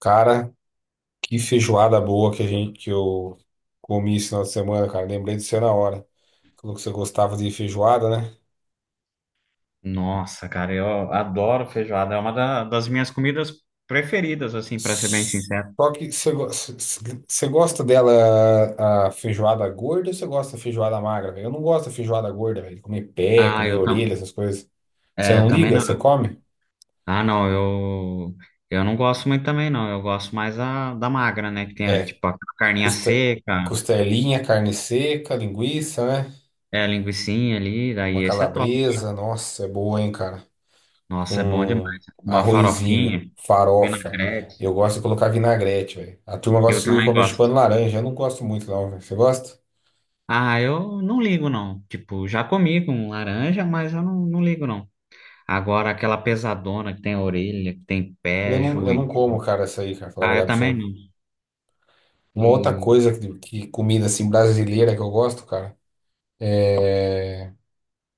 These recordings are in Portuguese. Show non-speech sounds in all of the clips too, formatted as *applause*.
Cara, que feijoada boa que a gente que eu comi esse final de semana, cara. Lembrei de você na hora. Falou que você gostava de feijoada, né? Nossa, cara, eu adoro feijoada. É uma das minhas comidas preferidas, assim, pra ser bem sincero. Só que você, go- c- c- você gosta dela a feijoada gorda ou você gosta da feijoada magra, velho? Eu não gosto da feijoada gorda, velho. Comer pé, Ah, comer orelha, essas coisas. Você eu não também liga? Você não. come? Ah, não, eu não gosto muito também, não. Eu gosto mais da magra, né? Que tem, É, tipo, a carninha custa, seca, costelinha, carne seca, linguiça, né? A linguicinha ali. Daí Uma esse é top. calabresa. Nossa, é boa, hein, cara? Nossa, é bom demais. Com Uma arrozinho, farofinha, farofa. vinagrete. Eu gosto de colocar vinagrete, velho. A turma Eu gosta de também comer gosto. chupando laranja. Eu não gosto muito, não, velho. Você gosta? Ah, eu não ligo, não. Tipo, já comi com laranja, mas eu não ligo, não. Agora, aquela pesadona que tem orelha, que tem pé, Eu joelho. não como, cara, essa aí, cara, falar a Ah, eu verdade pra também você. não. Uma outra E coisa que comida assim brasileira que eu gosto, cara,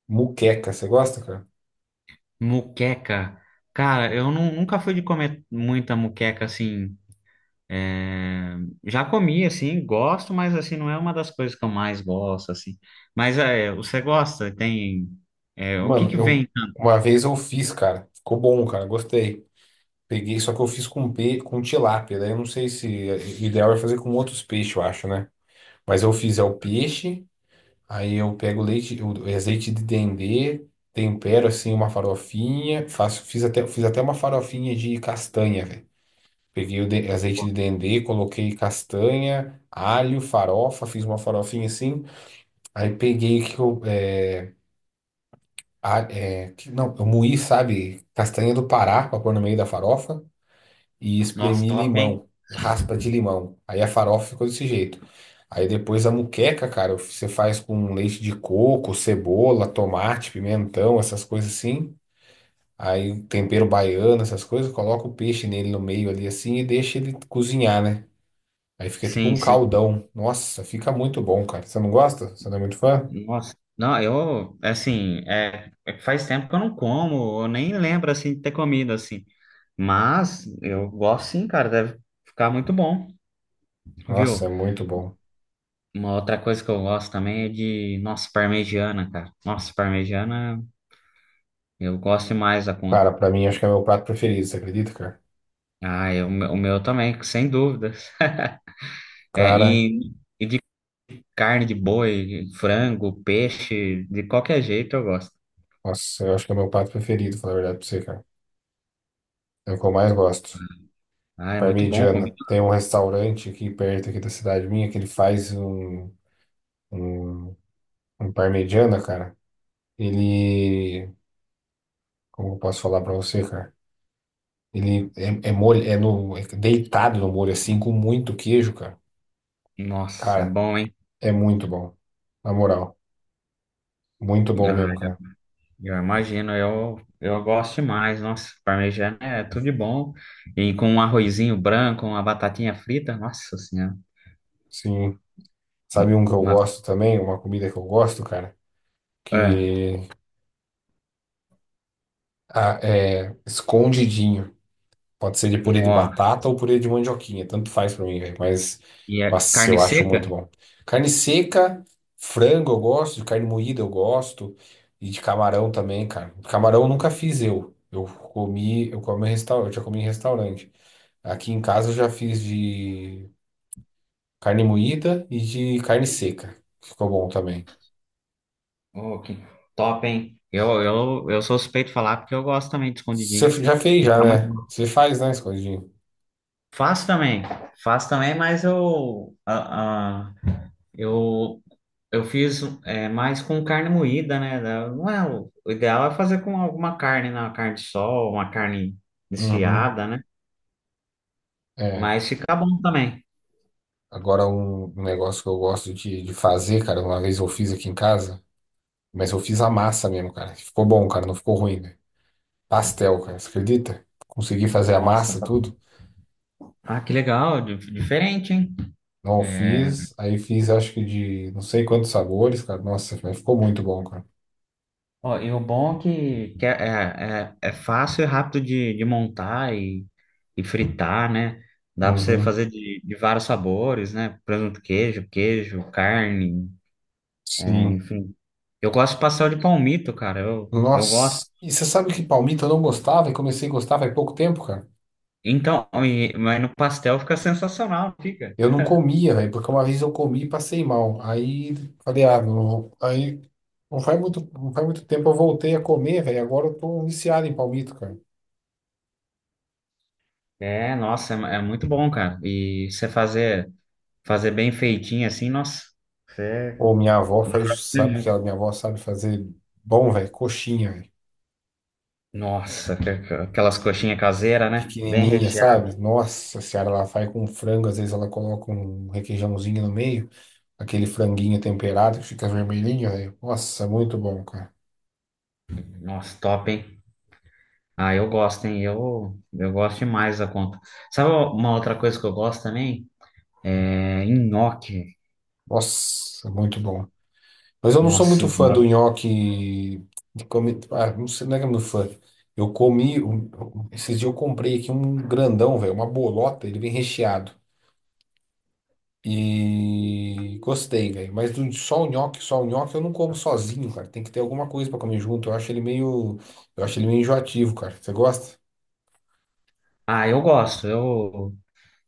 muqueca. Você gosta, cara? muqueca. Cara, eu nunca fui de comer muita muqueca assim. é, Já comi, assim, gosto, mas assim, não é uma das coisas que eu mais gosto, assim. Mas, você gosta? Tem. O que Mano, que eu vem? uma vez eu fiz, cara. Ficou bom, cara. Gostei. Peguei, só que eu fiz com com tilápia. Daí eu não sei se é, o ideal é fazer com outros peixes, eu acho, né? Mas eu fiz é o peixe. Aí eu pego leite, o azeite de dendê, tempero assim uma farofinha, fiz até uma farofinha de castanha, velho. Peguei azeite de dendê, coloquei castanha, alho, farofa, fiz uma farofinha assim. Aí peguei que eu, é, a- é, que- não, eu moí, sabe, castanha do Pará para pôr no meio da farofa. E Nossa, espremi top, hein? limão, raspa de limão. Aí a farofa ficou desse jeito. Aí depois a muqueca, cara, você faz com leite de coco, cebola, tomate, pimentão, essas coisas assim. Aí tempero baiano, essas coisas, coloca o peixe nele no meio ali assim e deixa ele cozinhar, né? Aí fica tipo Sim, um sim. caldão. Nossa, fica muito bom, cara. Você não gosta? Você não é muito fã? Nossa, não, eu, assim, faz tempo que eu não como, eu nem lembro, assim, de ter comido, assim. Mas eu gosto sim, cara, deve ficar muito bom, Nossa, viu? é muito bom. Uma outra coisa que eu gosto também é de, nossa, parmegiana, cara. Nossa, parmegiana, eu gosto demais da Cara, conta. pra mim acho que é meu prato preferido, você acredita, cara? Ah, o meu também, sem dúvidas. *laughs* É, Cara, e de carne de boi, frango, peixe, de qualquer jeito eu gosto. nossa, eu acho que é meu prato preferido, falar a verdade pra você, cara. É o que eu mais gosto. Ah, é muito bom Parmegiana. comigo. Tem um restaurante aqui perto aqui da cidade minha que ele faz um, um parmegiana, cara. Ele, como eu posso falar pra você, cara? Ele é é deitado no molho assim com muito queijo, cara. Nossa, é Cara, bom, hein? é muito bom. Na moral, muito bom mesmo, Ah, cara. eu imagino, eu gosto demais. Nossa, parmegiana é tudo de bom. E com um arrozinho branco, uma batatinha frita, nossa senhora. Sim. Sabe Um- um que eu Uma, gosto também, uma comida que eu gosto, cara, é, que ah, é escondidinho. Pode ser de purê de nó. batata ou purê de mandioquinha, tanto faz pra mim, velho. Mas, E é nossa, carne eu acho seca? muito bom. Carne seca, frango eu gosto, de carne moída eu gosto, e de camarão também, cara. Camarão eu nunca fiz. Eu comi em restaurante, eu já comi em restaurante. Aqui em casa eu já fiz de carne moída e de carne seca. Ficou bom também. Oh, que top, hein? Eu sou suspeito de falar porque eu gosto também de Você escondidinho. já fez, já, Fica muito né? bom. Você faz, né, escondidinho? Faço também, faço também, mas eu, a- eu Eu fiz mais com carne moída, né? Não é, o ideal é fazer com alguma carne, né? Uma carne de sol, uma carne Uhum. desfiada, né? É. Mas fica bom também. Agora, um negócio que eu gosto de fazer, cara, uma vez eu fiz aqui em casa, mas eu fiz a massa mesmo, cara. Ficou bom, cara, não ficou ruim, velho. Pastel, cara, você acredita? Consegui fazer a Nossa, massa, tudo. ah, que legal, diferente, hein? Não É, fiz, aí fiz acho que de não sei quantos sabores, cara. Nossa, mas ficou muito bom, cara. ó, e o bom é que é fácil e rápido de montar e fritar, né? Dá para você Uhum, fazer de vários sabores, né? Presunto, queijo, queijo, carne, sim. enfim. Eu gosto de pastel de palmito, cara. Eu gosto. Nossa, e você sabe que palmito eu não gostava e comecei a gostar faz pouco tempo, cara? Então, mas no pastel fica sensacional, fica. Eu não comia, velho, porque uma vez eu comi e passei mal. Aí falei, ah, não, aí não faz muito tempo eu voltei a comer, velho. Agora eu tô viciado em palmito, cara. É, nossa, é muito bom, cara. E você fazer, bem feitinho assim, nossa. Você. Pô, minha avó faz, sabe que ela, minha avó sabe fazer bom, velho, coxinha, velho. Nossa, aquelas coxinhas caseiras, né? Bem Pequenininha, sabe? recheado. Nossa senhora, ela faz com frango, às vezes ela coloca um requeijãozinho no meio, aquele franguinho temperado que fica vermelhinho, velho. Nossa, muito bom, cara. Nossa, top, hein? Ah, eu gosto, hein? Eu gosto demais da conta. Sabe uma outra coisa que eu gosto também? É nhoque. Nossa, muito bom. Mas eu não sou Nossa, muito sim. fã do nhoque de comi... Ah, não sei, não é que eu não sou fã. Eu comi, um- esses dias eu comprei aqui um grandão, velho, uma bolota, ele vem recheado. E gostei, velho. Só o nhoque eu não como sozinho, cara. Tem que ter alguma coisa pra comer junto. Eu acho ele meio enjoativo, cara. Você gosta? Ah, eu gosto. Eu,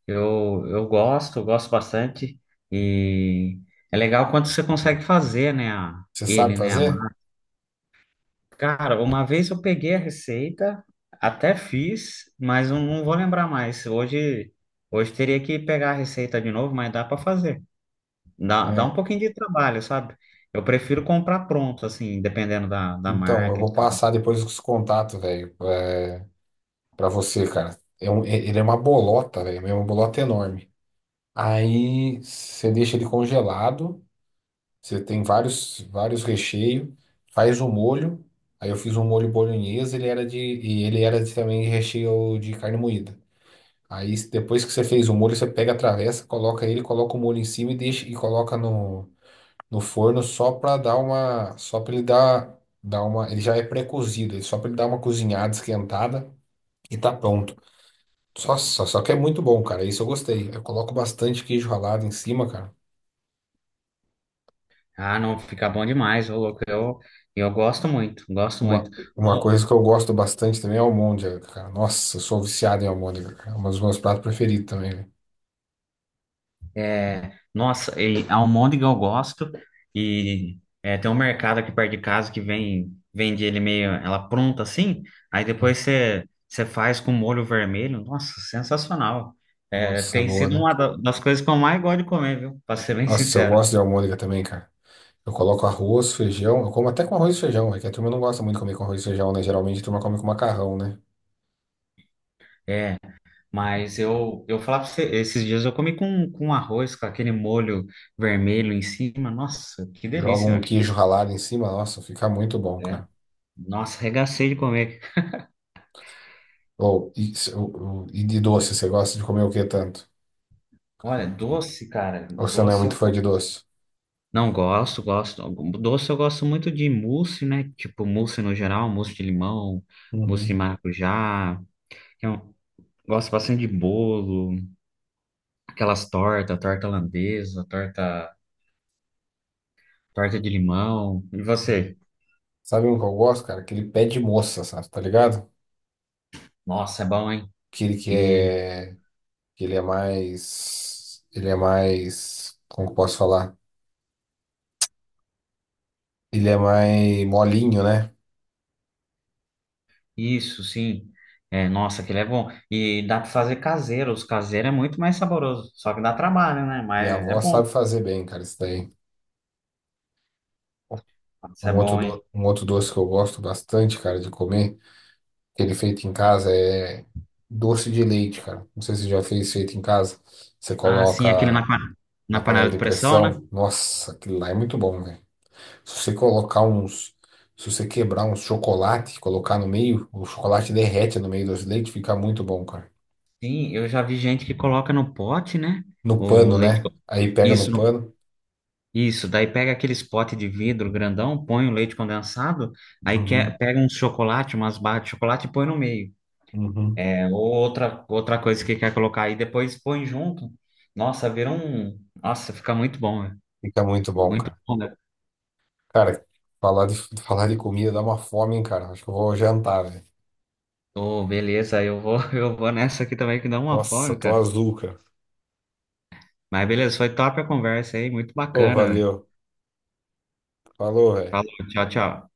Eu, eu gosto, eu gosto bastante. E é legal quando você consegue fazer, né? Você sabe ele, né? Fazer? Cara, uma vez eu peguei a receita, até fiz, mas eu não vou lembrar mais. Hoje teria que pegar a receita de novo, mas dá para fazer. Dá um É. pouquinho de trabalho, sabe? Eu prefiro comprar pronto, assim, dependendo da Então, eu marca e vou tal. passar depois os contatos, velho, pra você, cara. Ele é uma bolota, velho, é uma bolota enorme. Aí você deixa ele congelado. Você tem vários recheios. Faz o molho. Aí eu fiz um molho bolonhesa, e ele era de, também de recheio de carne moída. Aí depois que você fez o molho, você pega a travessa, coloca ele, coloca o molho em cima e deixa e coloca no forno só para dar uma, só para ele dar uma, ele já é pré-cozido, só para ele dar uma cozinhada, esquentada e tá pronto. Só que é muito bom, cara. Isso eu gostei. Eu coloco bastante queijo ralado em cima, cara. Ah, não, fica bom demais, ô louco. Eu gosto muito, gosto muito. Uma coisa que eu gosto bastante também é almôndega, cara. Nossa, eu sou viciado em almôndega, cara. É um dos meus pratos preferidos também, velho. É, nossa, e almôndega eu gosto e tem um mercado aqui perto de casa que vem vende ele meio ela pronta assim, aí depois você faz com molho vermelho, nossa, sensacional. É, Nossa, é tem boa, sido né? uma das coisas que eu mais gosto de comer, viu? Pra ser bem Nossa, eu sincero. gosto de almôndega também, cara. Eu coloco arroz, feijão. Eu como até com arroz e feijão, é que a turma não gosta muito de comer com arroz e feijão, né? Geralmente a turma come com macarrão, né? É, mas eu falar pra você, esses dias eu comi com, arroz, com aquele molho vermelho em cima, nossa, que Joga um delícia, velho. queijo ralado em cima, nossa, fica muito bom, É, cara. nossa, regacei de comer. Ou, e, se- ou- e de doce, você gosta de comer o que tanto? Olha, doce, cara, Ou você não é doce. muito fã de doce? Não gosto, gosto. Doce eu gosto muito de mousse, né? Tipo, mousse no geral, mousse de limão, mousse de Uhum. maracujá. Eu gosto bastante de bolo, aquelas tortas, torta holandesa, torta de limão. E Uhum. você? Sabe um que eu gosto, cara? Aquele pé de moça, sabe? Tá ligado? Nossa, é bom, hein? Aquele que E é. Que Ele é mais. Ele é mais. Como que eu posso falar? Ele é mais molinho, né? isso, sim. É, nossa, aquele é bom. E dá pra fazer caseiro. Os caseiros é muito mais saboroso. Só que dá trabalho, né? Minha Mas é avó bom. sabe fazer bem, cara, isso daí. Nossa, é bom, hein? Um outro doce que eu gosto bastante, cara, de comer, que ele é feito em casa, é doce de leite, cara. Não sei se você já fez feito em casa. Você Ah, sim, aquele coloca na na panela panela de de pressão, né? pressão. Nossa, aquilo lá é muito bom, velho. Se você colocar uns. Se você quebrar uns chocolate, e colocar no meio, o chocolate derrete no meio do doce de leite, fica muito bom, cara. Sim, eu já vi gente que coloca no pote, né? No O pano, leite. Né? Aí pega no Isso, pano, isso. Daí pega aqueles potes de vidro grandão, põe o leite condensado, aí uhum, pega um chocolate, umas barras de chocolate e põe no meio. uhum. É, ou outra coisa que quer colocar aí, depois põe junto. Nossa, vira um. Nossa, fica muito bom, velho. Fica muito bom, Muito cara. bom, né? Cara, falar de, *laughs* falar de comida dá uma fome, hein, cara. Acho que eu vou jantar, velho. Ô, beleza, eu vou, *laughs* eu vou nessa aqui também que dá uma Nossa, fome, tô cara. azul, cara. Mas beleza, foi top a conversa aí, muito Ô, bacana, velho. valeu. Falou, velho. Falou, tchau, tchau.